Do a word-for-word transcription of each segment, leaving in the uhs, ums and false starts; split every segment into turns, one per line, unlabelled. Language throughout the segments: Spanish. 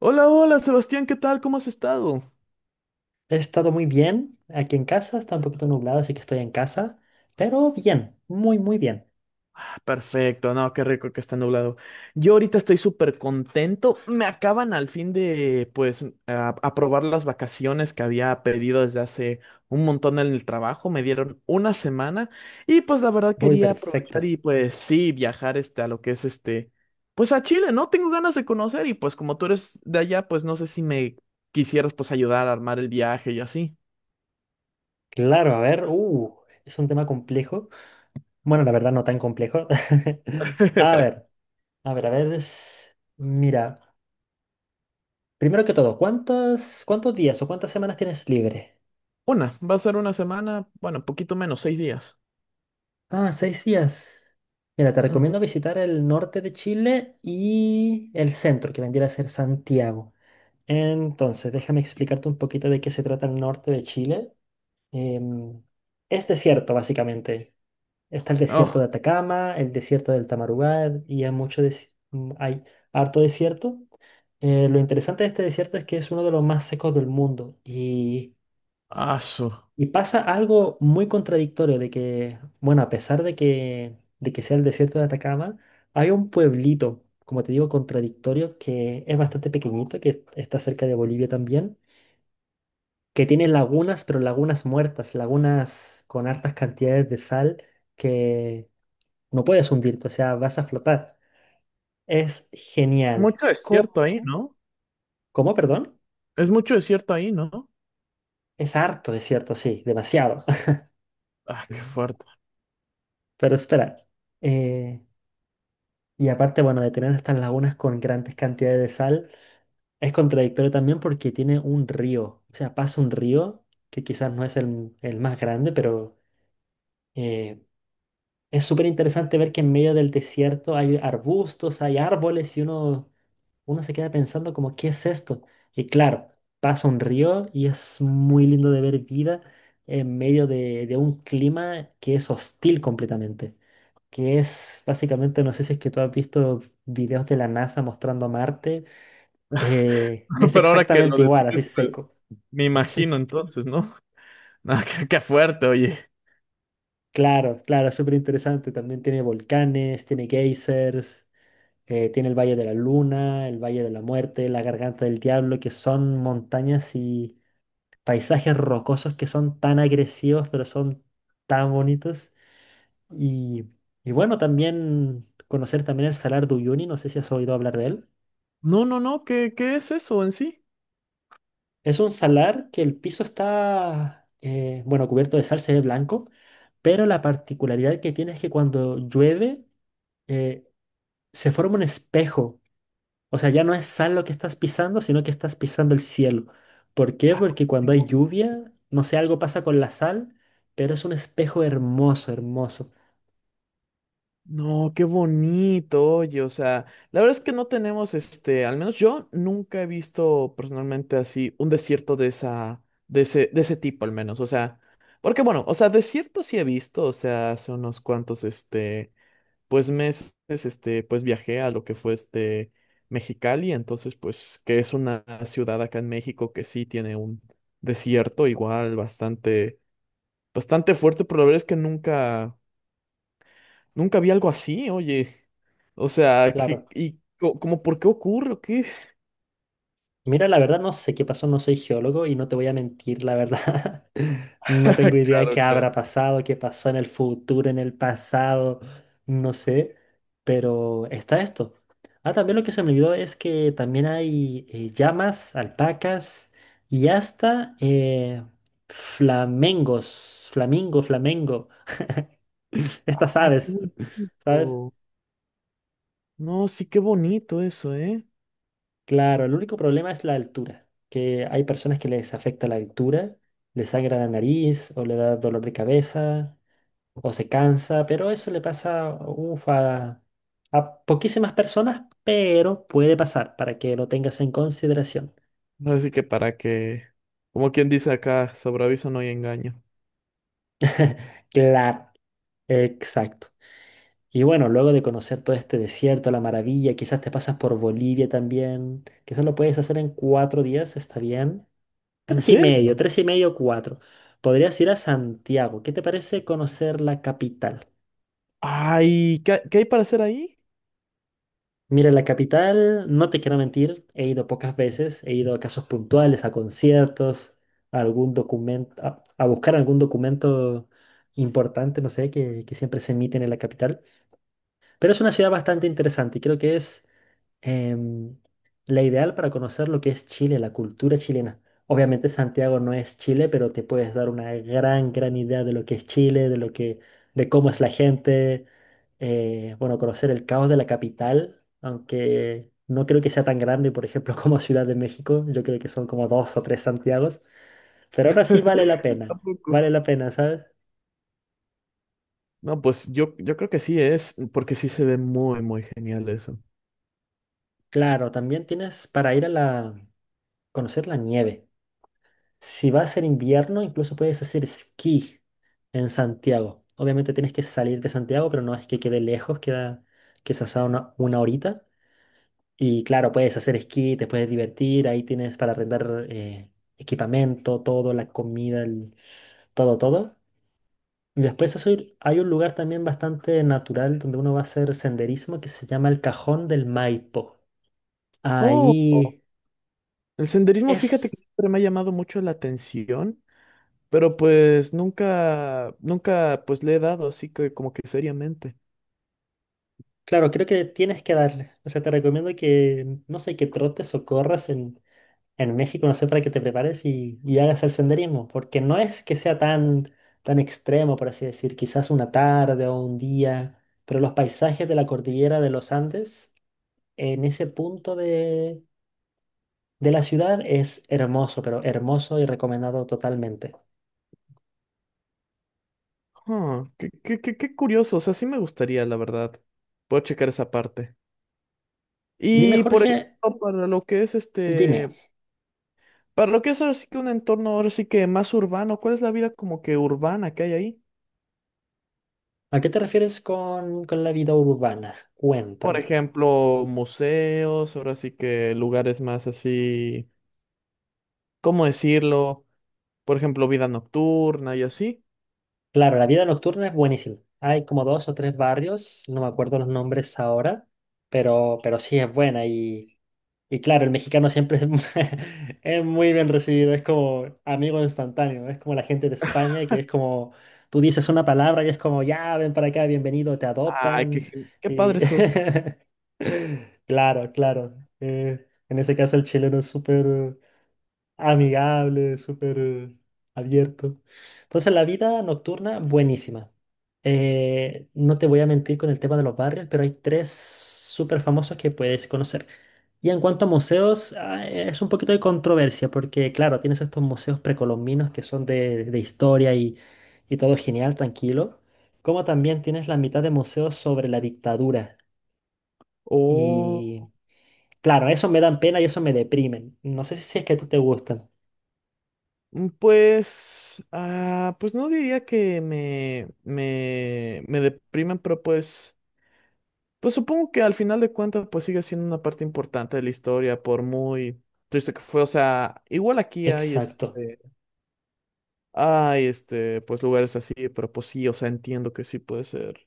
Hola, hola, Sebastián, ¿qué tal? ¿Cómo has estado?
He estado muy bien aquí en casa, está un poquito nublado, así que estoy en casa, pero bien, muy, muy bien.
Ah, perfecto, no, qué rico que está nublado. Yo ahorita estoy súper contento. Me acaban al fin de, pues, a- aprobar las vacaciones que había pedido desde hace un montón en el trabajo. Me dieron una semana y, pues, la verdad
Uy,
quería aprovechar
perfecto.
y, pues, sí, viajar, este, a lo que es, este, pues, a Chile, ¿no? Tengo ganas de conocer y, pues, como tú eres de allá, pues, no sé si me quisieras, pues, ayudar a armar el viaje y así.
Claro, a ver, uh, es un tema complejo. Bueno, la verdad no tan complejo. A ver, a ver, a ver. es- Mira, primero que todo, ¿cuántos, cuántos días o cuántas semanas tienes libre?
Una, va a ser una semana, bueno, poquito menos, seis días.
Ah, seis días. Mira, te
Ujú.
recomiendo visitar el norte de Chile y el centro, que vendría a ser Santiago. Entonces, déjame explicarte un poquito de qué se trata el norte de Chile. Em, es desierto, básicamente. Está el desierto
Oh,
de Atacama, el desierto del Tamarugal, y hay mucho des- mm, hay harto desierto. Eh, lo interesante de este desierto es que es uno de los más secos del mundo y,
asu.
y pasa algo muy contradictorio de que, bueno, a pesar de que, de que sea el desierto de Atacama, hay un pueblito, como te digo, contradictorio que es bastante pequeñito, que está cerca de Bolivia también, que tiene lagunas, pero lagunas muertas, lagunas con hartas cantidades de sal que no puedes hundirte, o sea, vas a flotar. Es genial.
Mucho desierto ahí,
¿Cómo?
¿no?
¿Cómo, perdón?
Es mucho desierto ahí, ¿no?
Es harto desierto, sí, demasiado.
Ah, qué fuerte.
Pero espera. eh, y aparte, bueno, de tener estas lagunas con grandes cantidades de sal, es contradictorio también porque tiene un río. O sea, pasa un río que quizás no es el, el más grande, pero, eh, es súper interesante ver que en medio del desierto hay arbustos, hay árboles y uno, uno se queda pensando como, ¿qué es esto? Y claro, pasa un río y es muy lindo de ver vida en medio de, de un clima que es hostil completamente, que es básicamente, no sé si es que tú has visto videos de la NASA mostrando Marte, eh, es
Pero ahora que lo
exactamente igual, así
describes, pues
seco.
me imagino entonces, ¿no? Ah, qué, qué fuerte, oye.
Claro, claro, es súper interesante. También tiene volcanes, tiene geysers. Eh, tiene el Valle de la Luna, el Valle de la Muerte, la Garganta del Diablo, que son montañas y paisajes rocosos que son tan agresivos, pero son tan bonitos. Y, y bueno, también conocer también el Salar de Uyuni, no sé si has oído hablar de él.
No, no, no, ¿qué, qué es eso en sí?
Es un salar que el piso está, eh, bueno, cubierto de sal, se ve blanco, pero la particularidad que tiene es que cuando llueve, eh, se forma un espejo. O sea, ya no es sal lo que estás pisando, sino que estás pisando el cielo. ¿Por qué?
Ah,
Porque cuando hay lluvia, no sé, algo pasa con la sal, pero es un espejo hermoso, hermoso.
no, qué bonito, oye, o sea, la verdad es que no tenemos, este, al menos yo nunca he visto personalmente así un desierto de esa, de ese, de ese tipo al menos, o sea, porque bueno, o sea, desierto sí he visto, o sea, hace unos cuantos, este, pues meses, este, pues viajé a lo que fue este Mexicali, entonces, pues, que es una ciudad acá en México que sí tiene un desierto igual bastante, bastante fuerte, pero la verdad es que nunca nunca vi algo así, oye. O sea, ¿qué-
Claro.
¿y co- como por qué ocurre o qué?
Mira, la verdad no sé qué pasó, no soy geólogo y no te voy a mentir, la verdad. No tengo idea de qué
Claro,
habrá
claro.
pasado, qué pasó en el futuro, en el pasado, no sé, pero está esto. Ah, también lo que se me olvidó es que también hay eh, llamas, alpacas y hasta eh, flamengos, flamingo, flamengo, estas
Ay, qué
aves, ¿sabes?
bonito. No, sí, qué bonito eso, ¿eh?
Claro, el único problema es la altura, que hay personas que les afecta la altura, les sangra la nariz o le da dolor de cabeza o se cansa, pero eso le pasa uf, a, a poquísimas personas, pero puede pasar para que lo tengas en consideración.
No, así que para que, como quien dice acá, sobre aviso no hay engaño.
Claro, exacto. Y bueno, luego de conocer todo este desierto, la maravilla, quizás te pasas por Bolivia también, quizás lo puedes hacer en cuatro días, está bien.
¿En
Tres y medio,
serio?
tres y medio, cuatro. Podrías ir a Santiago. ¿Qué te parece conocer la capital?
Ay, ¿qué, qué hay para hacer ahí?
Mira, la capital, no te quiero mentir, he ido pocas veces, he ido a casos puntuales, a conciertos, a algún documento, a, a buscar algún documento importante, no sé, que, que siempre se emiten en la capital. Pero es una ciudad bastante interesante y creo que es em, la ideal para conocer lo que es Chile, la cultura chilena. Obviamente Santiago no es Chile, pero te puedes dar una gran, gran idea de lo que es Chile, de lo que, de cómo es la gente. Eh, bueno, conocer el caos de la capital, aunque no creo que sea tan grande, por ejemplo, como Ciudad de México. Yo creo que son como dos o tres Santiagos. Pero ahora sí vale la pena. Vale
Tampoco.
la pena, ¿sabes?
No, pues yo, yo creo que sí es, porque sí se ve muy, muy genial eso.
Claro, también tienes para ir a la, conocer la nieve. Si va a ser invierno, incluso puedes hacer esquí en Santiago. Obviamente tienes que salir de Santiago, pero no es que quede lejos, queda quizás a una, una horita. Y claro, puedes hacer esquí, te puedes divertir, ahí tienes para arrendar eh, equipamiento, todo, la comida, el- todo, todo. Y después eso ir- hay un lugar también bastante natural donde uno va a hacer senderismo que se llama el Cajón del Maipo.
Oh,
Ahí
el senderismo, fíjate que
es.
siempre me ha llamado mucho la atención. Pero pues nunca, nunca pues le he dado así que como que seriamente.
Claro, creo que tienes que darle. O sea, te recomiendo que, no sé, que trotes o corras en, en México, no sé, para que te prepares y, y hagas el senderismo, porque no es que sea tan, tan extremo, por así decir, quizás una tarde o un día, pero los paisajes de la cordillera de los Andes, en ese punto de, de la ciudad, es hermoso, pero hermoso y recomendado totalmente.
Ah, qué, qué, qué, qué curioso, o sea, sí me gustaría, la verdad. Puedo checar esa parte.
Dime,
Y por
Jorge,
ejemplo, para lo que es
dime,
este, para lo que es ahora sí que un entorno ahora sí que más urbano, ¿cuál es la vida como que urbana que hay ahí?
¿a qué te refieres con, con la vida urbana?
Por
Cuéntame.
ejemplo, museos, ahora sí que lugares más así, ¿cómo decirlo? Por ejemplo, vida nocturna y así.
Claro, la vida nocturna es buenísima. Hay como dos o tres barrios, no me acuerdo los nombres ahora, pero, pero sí es buena. Y, y claro, el mexicano siempre es, mu- es muy bien recibido, es como amigo instantáneo, es como la gente de España, que es como tú dices una palabra y es como, ya, ven para acá, bienvenido, te
Ay, qué,
adoptan.
gen- qué
Y
padre eso.
claro, claro. Eh, en ese caso el chileno es súper amigable, súper abierto. Entonces, la vida nocturna, buenísima. Eh, no te voy a mentir con el tema de los barrios, pero hay tres súper famosos que puedes conocer. Y en cuanto a museos, ah, es un poquito de controversia, porque claro, tienes estos museos precolombinos que son de, de historia y, y todo genial, tranquilo. Como también tienes la mitad de museos sobre la dictadura. Y claro, eso me dan pena y eso me deprimen. No sé si es que a ti te gustan.
Mm, Pues, ah, pues no diría que me, me, me deprimen, pero pues, pues supongo que al final de cuentas, pues sigue siendo una parte importante de la historia, por muy triste que fue. O sea, igual aquí hay
Exacto.
este, hay este, pues lugares así, pero pues sí, o sea, entiendo que sí puede ser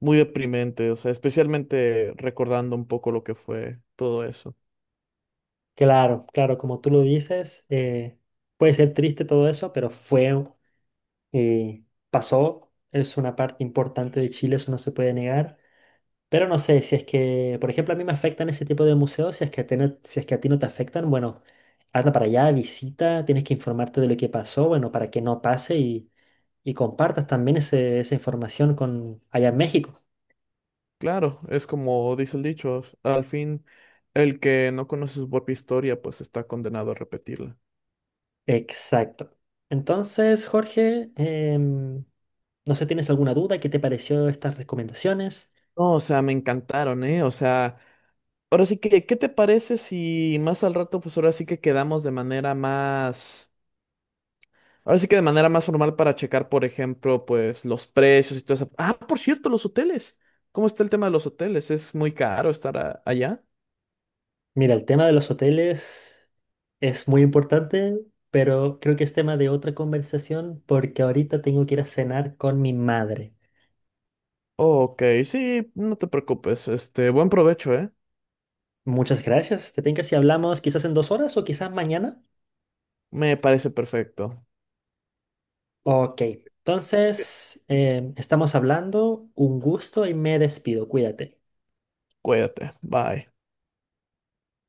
muy deprimente, o sea, especialmente recordando un poco lo que fue todo eso.
Claro, claro, como tú lo dices, eh, puede ser triste todo eso, pero fue, eh, pasó, es una parte importante de Chile, eso no se puede negar. Pero no sé, si es que, por ejemplo, a mí me afectan ese tipo de museos, si es que a ti no, si es que a ti no te afectan, bueno, anda para allá, visita, tienes que informarte de lo que pasó, bueno, para que no pase y, y compartas también ese- esa información con allá en México.
Claro, es como dice el dicho, al fin el que no conoce su propia historia, pues está condenado a repetirla.
Exacto. Entonces, Jorge, em, no sé, ¿tienes alguna duda? ¿Qué te pareció estas recomendaciones?
No, o sea, me encantaron, ¿eh? O sea, ahora sí que, ¿qué te parece si más al rato, pues ahora sí que quedamos de manera más, ahora sí que de manera más formal para checar, por ejemplo, pues los precios y todo eso. Ah, por cierto, los hoteles. ¿Cómo está el tema de los hoteles? ¿Es muy caro estar a- allá?
Mira, el tema de los hoteles es muy importante, pero creo que es tema de otra conversación porque ahorita tengo que ir a cenar con mi madre.
Ok, sí, no te preocupes. Este, buen provecho, ¿eh?
Muchas gracias. ¿Te tengo si hablamos quizás en dos horas o quizás mañana?
Me parece perfecto.
Ok, entonces em, estamos hablando. Un gusto y me despido. Cuídate.
Cuídate. Bye.